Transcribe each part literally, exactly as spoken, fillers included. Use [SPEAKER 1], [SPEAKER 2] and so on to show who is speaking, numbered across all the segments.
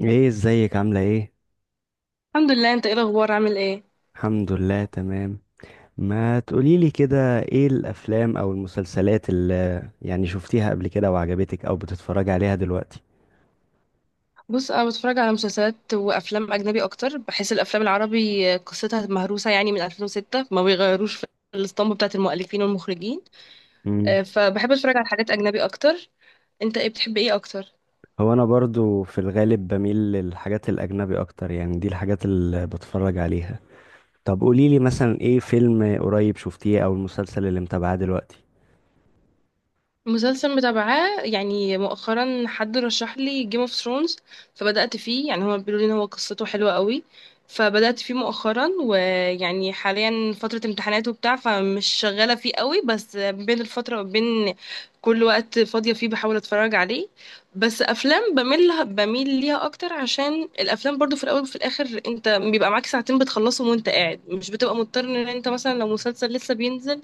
[SPEAKER 1] ايه ازيك عاملة ايه؟
[SPEAKER 2] الحمد لله. انت ايه الاخبار، عامل ايه؟
[SPEAKER 1] الحمد لله تمام. ما تقوليلي كده ايه الافلام او المسلسلات اللي يعني شفتيها قبل كده وعجبتك او بتتفرجي عليها دلوقتي؟
[SPEAKER 2] بص، انا بتفرج على مسلسلات وافلام اجنبي اكتر. بحس الافلام العربي قصتها مهروسه، يعني من ألفين وستة ما بيغيروش في الاسطمبه بتاعه المؤلفين والمخرجين.
[SPEAKER 1] مم.
[SPEAKER 2] اه، فبحب اتفرج على حاجات اجنبي اكتر. انت ايه بتحب ايه اكتر؟
[SPEAKER 1] هو انا برضو في الغالب بميل للحاجات الاجنبي اكتر، يعني دي الحاجات اللي بتفرج عليها. طب قوليلي مثلا ايه فيلم قريب شفتيه او المسلسل اللي متابعاه دلوقتي؟
[SPEAKER 2] مسلسل متابعاه يعني مؤخرا، حد رشح لي جيم اوف ثرونز فبدأت فيه. يعني هما بيقولوا لي ان هو قصته حلوة قوي، فبدأت فيه مؤخرا. ويعني حاليا فترة امتحانات وبتاع، فمش شغالة فيه قوي، بس بين الفترة وبين كل وقت فاضية فيه بحاول اتفرج عليه. بس افلام بميل بميل ليها اكتر، عشان الافلام برضو في الاول وفي الاخر انت بيبقى معاك ساعتين بتخلصهم وانت قاعد، مش بتبقى مضطر ان انت مثلا لو مسلسل لسه بينزل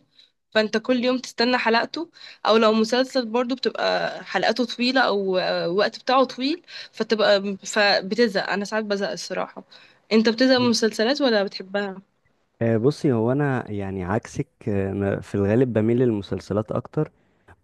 [SPEAKER 2] فانت كل يوم تستنى حلقته، او لو مسلسل برضو بتبقى حلقاته طويلة، او آه، الوقت بتاعه طويل، فتبقى فبتزهق. انا ساعات بزهق الصراحة. انت بتزهق من المسلسلات ولا بتحبها؟
[SPEAKER 1] آه، بصي، هو انا يعني عكسك. آه، أنا في الغالب بميل للمسلسلات اكتر،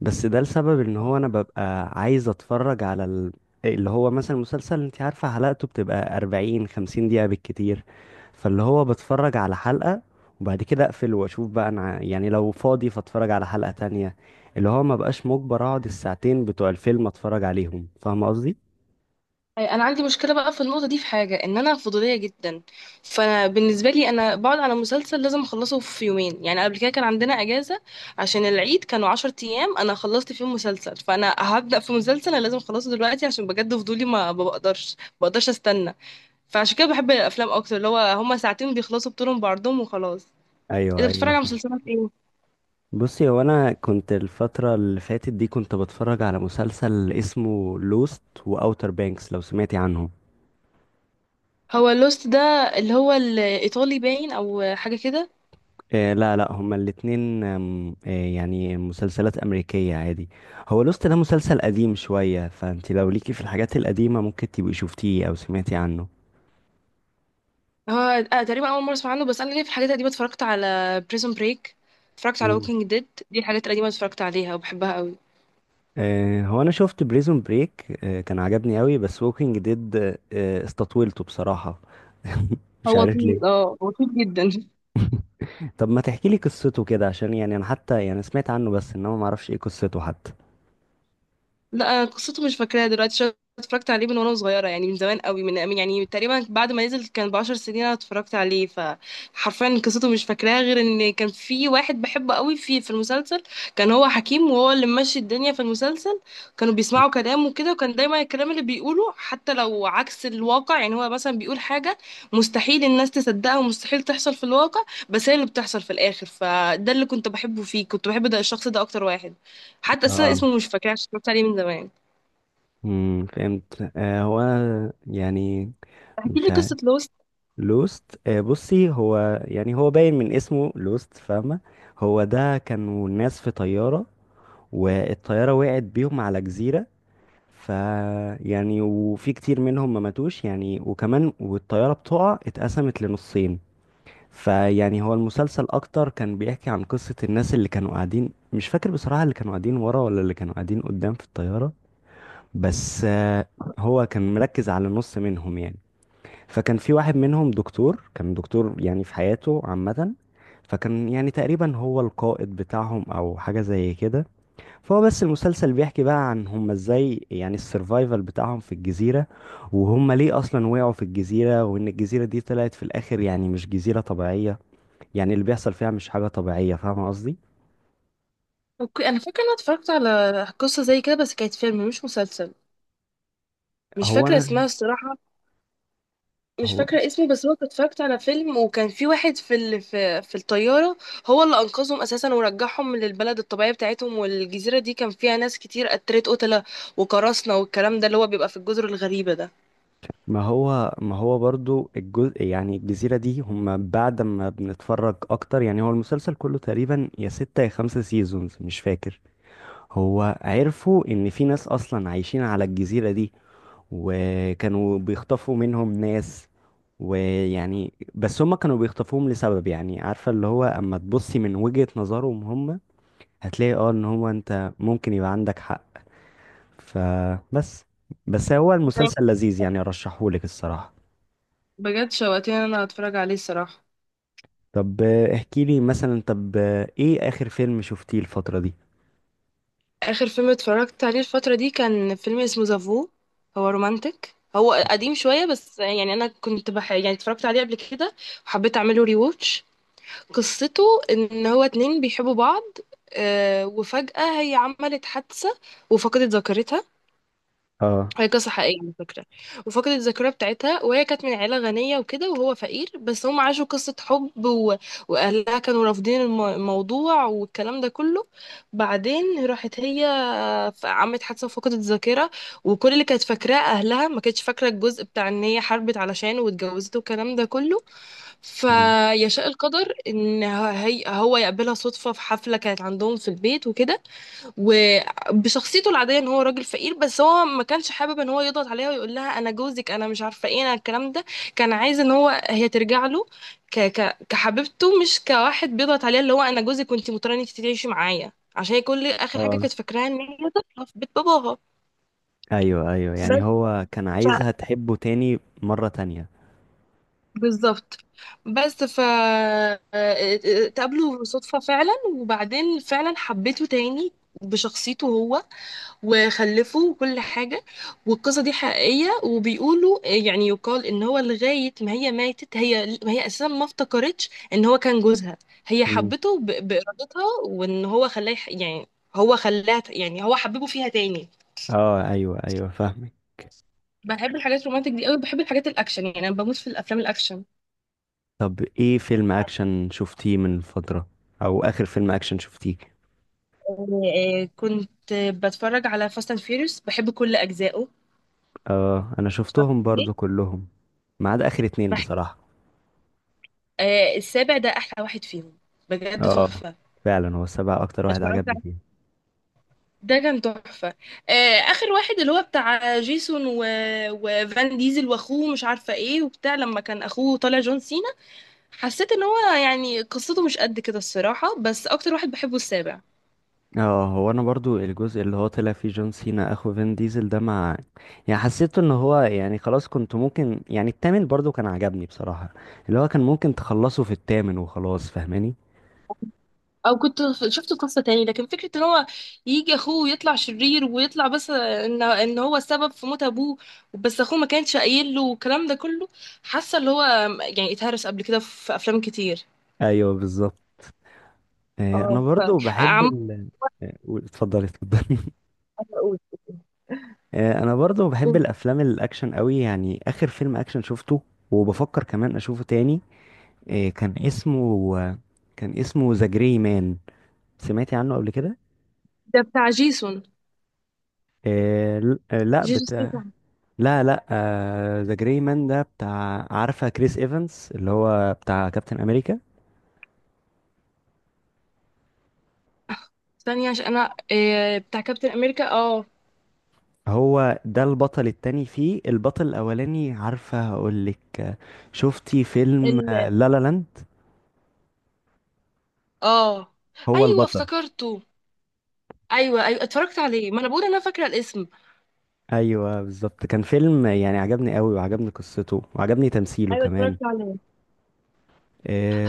[SPEAKER 1] بس ده لسبب ان هو انا ببقى عايز اتفرج على ال... اللي هو مثلا مسلسل، انت عارفة حلقته بتبقى أربعين خمسين دقيقة بالكتير، فاللي هو بتفرج على حلقة وبعد كده اقفل واشوف بقى انا ع- يعني لو فاضي فاتفرج على حلقة تانية، اللي هو ما بقاش مجبر اقعد الساعتين بتوع الفيلم اتفرج عليهم، فاهم قصدي؟
[SPEAKER 2] أي، انا عندي مشكلة بقى في النقطة دي، في حاجة ان انا فضولية جدا. فبالنسبة لي انا بقعد على مسلسل لازم اخلصه في يومين. يعني قبل كده كان عندنا اجازة عشان العيد، كانوا عشر ايام، انا خلصت فيهم مسلسل. فانا هبدأ في مسلسل انا لازم اخلصه دلوقتي عشان بجد فضولي، ما ما بقدرش ما بقدرش استنى. فعشان كده بحب الافلام اكتر، اللي هو هما ساعتين بيخلصوا بطولهم بعرضهم وخلاص.
[SPEAKER 1] ايوه،
[SPEAKER 2] انت
[SPEAKER 1] ايوه،
[SPEAKER 2] بتتفرج على
[SPEAKER 1] فاهم.
[SPEAKER 2] مسلسلات ايه؟
[SPEAKER 1] بصي، هو انا كنت الفترة اللي فاتت دي كنت بتفرج على مسلسل اسمه لوست واوتر بانكس، لو سمعتي عنهم.
[SPEAKER 2] هو لوست ده اللي هو الايطالي باين، او حاجه كده؟
[SPEAKER 1] آه، لا، لا، هما الاتنين. آم، آه يعني مسلسلات أمريكية عادي. هو لوست ده مسلسل قديم شوية، فانت لو ليكي في الحاجات القديمة ممكن تبقي شفتيه أو سمعتي عنه.
[SPEAKER 2] هو آه تقريبا اول مره اسمع عنه، بس انا ليه في الحاجات القديمه، اتفرجت على بريزون بريك، اتفرجت على
[SPEAKER 1] مم.
[SPEAKER 2] ووكينج ديد. دي الحاجات القديمه اتفرجت عليها وبحبها قوي.
[SPEAKER 1] آه هو أنا شفت بريزون بريك، آه كان عجبني قوي، بس ووكينج ديد آه استطولته بصراحة. مش
[SPEAKER 2] هو
[SPEAKER 1] عارف
[SPEAKER 2] طويل،
[SPEAKER 1] ليه.
[SPEAKER 2] اه هو طويل جدا.
[SPEAKER 1] طب ما تحكي لي قصته كده، عشان يعني أنا حتى يعني سمعت عنه، بس إنما ما أعرفش إيه قصته حتى.
[SPEAKER 2] لا، أنا قصته مش فاكراها دلوقتي، عشان اتفرجت عليه من وانا صغيره، يعني من زمان قوي، من من- يعني تقريبا بعد ما نزل كان بعشر سنين انا اتفرجت عليه، فحرفيا قصته مش فاكراها، غير ان كان في واحد بحبه قوي في في المسلسل. كان هو حكيم، وهو اللي ماشي الدنيا في المسلسل، كانوا بيسمعوا كلامه كده، وكان دايما الكلام اللي بيقوله حتى لو عكس الواقع. يعني هو مثلا بيقول حاجه مستحيل الناس تصدقها ومستحيل تحصل في الواقع، بس هي اللي بتحصل في الاخر. فده اللي كنت بحبه فيه، كنت بحب ده، الشخص ده اكتر واحد. حتى اصلا
[SPEAKER 1] اه.
[SPEAKER 2] اسمه مش فاكراه عشان اتفرجت عليه من زمان.
[SPEAKER 1] امم فهمت. آه هو يعني.
[SPEAKER 2] احكي
[SPEAKER 1] مش
[SPEAKER 2] لي قصه
[SPEAKER 1] عارف.
[SPEAKER 2] لوست.
[SPEAKER 1] لوست، آه، بصي، هو يعني هو باين من اسمه لوست، فاهمة؟ هو ده كانوا الناس في طيارة، والطيارة وقعت بيهم على جزيرة. ف يعني وفي كتير منهم ما ماتوش، يعني وكمان والطيارة بتقع اتقسمت لنصين. فيعني هو المسلسل اكتر كان بيحكي عن قصة الناس اللي كانوا قاعدين، مش فاكر بصراحة اللي كانوا قاعدين ورا ولا اللي كانوا قاعدين قدام في الطيارة. بس آه، هو كان مركز على نص منهم يعني. فكان في واحد منهم دكتور، كان دكتور يعني في حياته عامة، فكان يعني تقريبا هو القائد بتاعهم او حاجة زي كده. فهو بس المسلسل بيحكي بقى عن هم ازاي، يعني السرفايفل بتاعهم في الجزيرة، وهم ليه اصلا وقعوا في الجزيرة، وان الجزيرة دي طلعت في الاخر يعني مش جزيرة طبيعية، يعني اللي بيحصل فيها مش حاجة طبيعية، فاهم قصدي؟
[SPEAKER 2] اوكي، انا فاكره ان انا اتفرجت على قصه زي كده بس كانت فيلم مش مسلسل، مش
[SPEAKER 1] هو
[SPEAKER 2] فاكره
[SPEAKER 1] انا
[SPEAKER 2] اسمها الصراحه. مش
[SPEAKER 1] هو
[SPEAKER 2] فاكره اسمه، بس هو كنت اتفرجت على فيلم، وكان في واحد في ال... في في الطياره هو اللي انقذهم اساسا، ورجعهم للبلد الطبيعيه بتاعتهم. والجزيره دي كان فيها ناس كتير قتلت قتله وقراصنه والكلام ده، اللي هو بيبقى في الجزر الغريبه ده.
[SPEAKER 1] ما هو ما هو برضو الجزء، يعني الجزيرة دي، هم بعد ما بنتفرج أكتر يعني هو المسلسل كله تقريبا يا ستة يا خمسة سيزونز، مش فاكر، هو عرفوا إن في ناس أصلا عايشين على الجزيرة دي، وكانوا بيخطفوا منهم ناس، ويعني بس هم كانوا بيخطفوهم لسبب، يعني عارفة اللي هو أما تبصي من وجهة نظرهم هم، هتلاقي اه إن هو أنت ممكن يبقى عندك حق. فبس بس هو
[SPEAKER 2] زي،
[SPEAKER 1] المسلسل لذيذ يعني، أرشحهولك الصراحة.
[SPEAKER 2] بجد شوقتني ان انا اتفرج عليه الصراحه.
[SPEAKER 1] طب آه، احكي لي مثلا طب آه، ايه اخر فيلم شفتيه الفترة دي؟
[SPEAKER 2] اخر فيلم اتفرجت عليه الفتره دي كان فيلم اسمه زافو. هو رومانتك، هو قديم شويه، بس يعني انا كنت بح... يعني اتفرجت عليه قبل كده وحبيت اعمله ري ووتش. قصته ان هو اتنين بيحبوا بعض، آه، وفجاه هي عملت حادثه وفقدت ذاكرتها.
[SPEAKER 1] اه.
[SPEAKER 2] هي قصة حقيقية على فكرة. وفقدت الذاكرة بتاعتها، وهي كانت من عيلة غنية وكده، وهو فقير، بس هم عاشوا قصة حب، و... وأهلها كانوا رافضين الم- الموضوع والكلام ده كله. بعدين راحت هي، ف- عملت حادثة وفقدت الذاكرة. وكل اللي كانت فاكراه أهلها، ما كانتش فاكرة الجزء بتاع إن هي حاربت علشانه واتجوزته والكلام ده كله.
[SPEAKER 1] مم.
[SPEAKER 2] فيشاء القدر إن هي هو يقابلها صدفة في حفلة كانت عندهم في البيت وكده، وبشخصيته العاديه ان هو راجل فقير. بس هو ما كانش حابب ان هو يضغط عليها ويقول لها انا جوزك انا مش عارفه ايه انا الكلام ده، كان عايز ان هو هي ترجع له ك ك كحبيبته، مش كواحد بيضغط عليها اللي هو انا جوزك وانت مضطره ان انت تعيشي معايا، عشان هي كل اخر حاجه
[SPEAKER 1] اه،
[SPEAKER 2] كانت فاكراها ان هي طفله في بيت باباها.
[SPEAKER 1] ايوه، ايوه،
[SPEAKER 2] بس
[SPEAKER 1] يعني
[SPEAKER 2] ف-
[SPEAKER 1] هو كان عايزها تحبه تاني مرة تانية.
[SPEAKER 2] بالظبط بس ف اتقابلوا صدفة فعلا، وبعدين فعلا حبيته تاني بشخصيته هو، وخلفوا وكل حاجة. والقصة دي حقيقية، وبيقولوا آه، يعني يقال ان هو لغاية ما هي ماتت، هي ما هي اساسا ما افتكرتش ان هو كان جوزها. هي
[SPEAKER 1] مم.
[SPEAKER 2] حبته ب- بإرادتها، وان هو خلاه يح- يعني هو خلاها، يعني هو حببه فيها تاني.
[SPEAKER 1] اه، ايوه، ايوه، فاهمك.
[SPEAKER 2] بحب الحاجات الرومانتك دي قوي، بحب الحاجات الاكشن، يعني انا بموت في الافلام الاكشن.
[SPEAKER 1] طب ايه فيلم اكشن شفتيه من فترة، او اخر فيلم اكشن شفتيه؟
[SPEAKER 2] آه، آه، كنت بتفرج على فاست اند فيوريوس، بحب كل اجزائه.
[SPEAKER 1] اه، انا
[SPEAKER 2] اتفرجت
[SPEAKER 1] شفتهم
[SPEAKER 2] عليه؟
[SPEAKER 1] برضو كلهم، ما عدا اخر اتنين
[SPEAKER 2] بحب
[SPEAKER 1] بصراحة.
[SPEAKER 2] آه، السابع ده احلى واحد فيهم، بجد
[SPEAKER 1] اه،
[SPEAKER 2] تحفة.
[SPEAKER 1] فعلا هو السبعة اكتر واحد
[SPEAKER 2] اتفرجت،
[SPEAKER 1] عجبني فيه.
[SPEAKER 2] ده كان تحفة. آه، آخر واحد اللي هو بتاع جيسون و... وفان ديزل وأخوه مش عارفة إيه، وبتاع لما كان أخوه طالع جون سينا، حسيت إن هو يعني قصته مش قد كده الصراحة. بس أكتر واحد بحبه السابع.
[SPEAKER 1] اه، هو انا برضو الجزء اللي هو طلع فيه جون سينا اخو فين ديزل ده، مع، يعني حسيته ان هو، يعني خلاص، كنت ممكن يعني التامن برضو كان عجبني بصراحة، اللي هو كان ممكن تخلصه في التامن وخلاص، فاهماني؟
[SPEAKER 2] أو كنت ف- شفته في قصة تاني، لكن فكرة إن هو يجي أخوه ويطلع شرير، ويطلع بس إن إن هو السبب في موت أبوه، بس أخوه ما كانش قايل له والكلام ده كله، حاسة اللي هو يعني اتهرس قبل كده في أفلام كتير.
[SPEAKER 1] ايوه بالظبط. آه
[SPEAKER 2] اه
[SPEAKER 1] انا
[SPEAKER 2] ف
[SPEAKER 1] برضو بحب
[SPEAKER 2] عم
[SPEAKER 1] ال. آه، قول- اتفضلي، اتفضلي.
[SPEAKER 2] أقول.
[SPEAKER 1] آه انا برضو بحب الافلام الاكشن قوي، يعني اخر فيلم اكشن شفته وبفكر كمان اشوفه تاني، آه كان اسمه، كان اسمه ذا جري مان، سمعتي عنه قبل كده؟
[SPEAKER 2] ده بتاع جيسون،
[SPEAKER 1] آه ل- آه، لا،
[SPEAKER 2] جيجي ستاثام.
[SPEAKER 1] لا، لا. ذا جراي مان ده بتاع، عارفه كريس ايفانس اللي هو بتاع كابتن امريكا،
[SPEAKER 2] ثانية، عشان انا إيه، بتاع كابتن امريكا، اه.
[SPEAKER 1] هو ده البطل التاني فيه، البطل الاولاني عارفه، هقول لك، شفتي فيلم
[SPEAKER 2] ال...
[SPEAKER 1] آه، لا لا لاند؟
[SPEAKER 2] اه،
[SPEAKER 1] هو
[SPEAKER 2] ايوه،
[SPEAKER 1] البطل.
[SPEAKER 2] افتكرته. ايوه ايوه اتفرجت عليه، ما انا بقول انا فاكره الاسم.
[SPEAKER 1] ايوه بالظبط كان فيلم يعني عجبني قوي، وعجبني قصته، وعجبني تمثيله
[SPEAKER 2] ايوه
[SPEAKER 1] كمان.
[SPEAKER 2] اتفرجت عليه.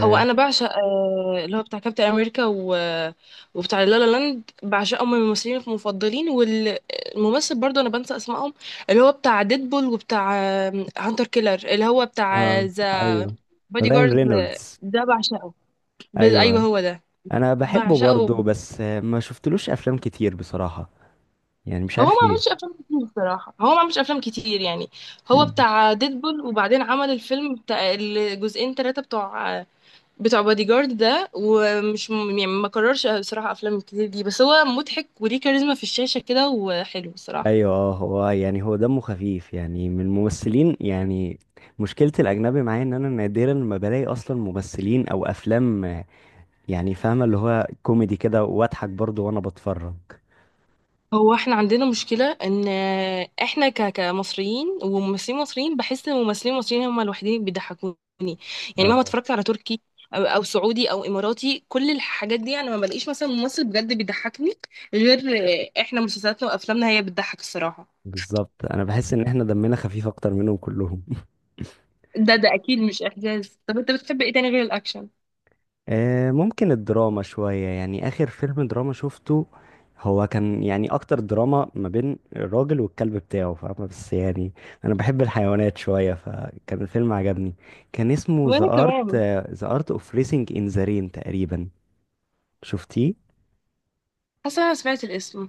[SPEAKER 2] هو انا بعشق آه اللي هو بتاع كابتن امريكا، و... آه، وبتاع لا لا لاند، بعشقهم، من الممثلين المفضلين. والممثل برضو انا بنسى اسمائهم، اللي هو بتاع ديدبول، وبتاع آه، هانتر كيلر، اللي هو بتاع
[SPEAKER 1] آه
[SPEAKER 2] ذا
[SPEAKER 1] ايوه.
[SPEAKER 2] بادي
[SPEAKER 1] راين
[SPEAKER 2] جارد،
[SPEAKER 1] رينولدز.
[SPEAKER 2] ده بعشقه. ب... ايوه
[SPEAKER 1] ايوه
[SPEAKER 2] هو ده
[SPEAKER 1] انا بحبه
[SPEAKER 2] بعشقه.
[SPEAKER 1] برضه، بس آه، ما شفتلوش افلام كتير بصراحه، يعني مش
[SPEAKER 2] هو ما
[SPEAKER 1] عارف
[SPEAKER 2] عملش افلام كتير بصراحه، هو ما عملش افلام كتير يعني. هو
[SPEAKER 1] ليه.
[SPEAKER 2] بتاع ديدبول، وبعدين عمل الفيلم بتاع الجزئين ثلاثه، بتوع بتوع بادي جارد ده، ومش م- يعني ما كررش بصراحه افلام كتير دي. بس هو مضحك وليه كاريزما في الشاشه كده، وحلو بصراحه.
[SPEAKER 1] ايوه، اه، هو يعني هو دمه خفيف يعني من الممثلين يعني، مشكلة الاجنبي معايا ان انا نادرا ما بلاقي اصلا ممثلين او افلام، يعني فاهمة اللي هو كوميدي كده واضحك برضو وانا بتفرج.
[SPEAKER 2] هو احنا عندنا مشكلة ان احنا ك- كمصريين، وممثلين مصريين بحس ان الممثلين المصريين هم الوحيدين اللي بيضحكوني. يعني مهما
[SPEAKER 1] اه
[SPEAKER 2] اتفرجت على تركي او أو سعودي او اماراتي، كل الحاجات دي انا ما بلاقيش مثلا ممثل بجد بيضحكني غير احنا. مسلسلاتنا وافلامنا هي بتضحك الصراحة.
[SPEAKER 1] بالظبط، انا بحس ان احنا دمنا خفيف اكتر منهم كلهم.
[SPEAKER 2] ده ده اكيد مش احجاز. طب انت بتحب ايه تاني غير الاكشن؟
[SPEAKER 1] آه، ممكن الدراما شوية، يعني آخر فيلم دراما شفته هو كان يعني أكتر دراما ما بين الراجل والكلب بتاعه، فاهمة؟ بس يعني أنا بحب الحيوانات شوية فكان الفيلم عجبني، كان اسمه The
[SPEAKER 2] وانا
[SPEAKER 1] Art
[SPEAKER 2] كمان.
[SPEAKER 1] The Art of Racing in the Rain تقريبا. شفتيه؟
[SPEAKER 2] حاسة انا سمعت الاسم.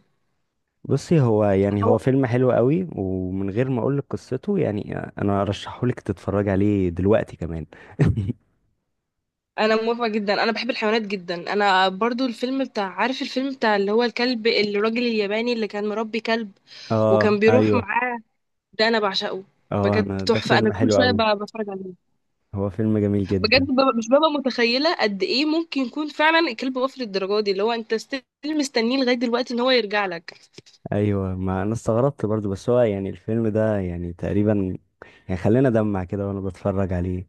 [SPEAKER 1] بصي، هو يعني هو فيلم حلو قوي، ومن غير ما أقولك قصته، يعني أنا أرشحهولك تتفرج عليه دلوقتي كمان.
[SPEAKER 2] انا موافقه جدا، انا بحب الحيوانات جدا. انا برضو الفيلم بتاع، عارف الفيلم بتاع اللي هو الكلب، الراجل الياباني اللي كان مربي كلب وكان
[SPEAKER 1] اه
[SPEAKER 2] بيروح
[SPEAKER 1] ايوه.
[SPEAKER 2] معاه، ده انا بعشقه،
[SPEAKER 1] اه
[SPEAKER 2] بجد
[SPEAKER 1] انا ده
[SPEAKER 2] تحفه. انا
[SPEAKER 1] فيلم
[SPEAKER 2] كل
[SPEAKER 1] حلو
[SPEAKER 2] شويه
[SPEAKER 1] قوي،
[SPEAKER 2] ب- بتفرج عليه.
[SPEAKER 1] هو فيلم جميل
[SPEAKER 2] بجد
[SPEAKER 1] جدا.
[SPEAKER 2] ببقى مش ببقى متخيله قد ايه ممكن يكون فعلا الكلب وافي للدرجه دي، اللي هو انت ستيل مستنيه لغايه دلوقتي ان هو يرجع لك.
[SPEAKER 1] ايوه، ما انا استغربت برضو، بس هو يعني الفيلم ده يعني تقريبا يعني خلينا دمع كده وانا بتفرج عليه.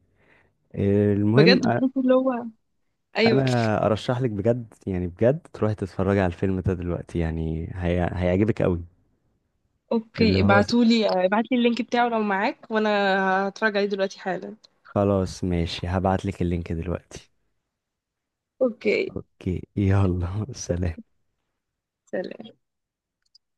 [SPEAKER 1] المهم
[SPEAKER 2] بجد
[SPEAKER 1] أ-
[SPEAKER 2] بحس اللي هو، ايوه.
[SPEAKER 1] انا ارشح لك بجد، يعني بجد تروحي تتفرجي على الفيلم ده دلوقتي، يعني هي... هيعجبك قوي. اللي
[SPEAKER 2] اوكي،
[SPEAKER 1] هو ز-
[SPEAKER 2] ابعتولي ابعتلي اللينك بتاعه لو معاك، وانا هتفرج عليه دلوقتي حالا.
[SPEAKER 1] خلاص ماشي، هبعت لك اللينك دلوقتي.
[SPEAKER 2] اوكي،
[SPEAKER 1] اوكي، يلا. سلام.
[SPEAKER 2] سلام.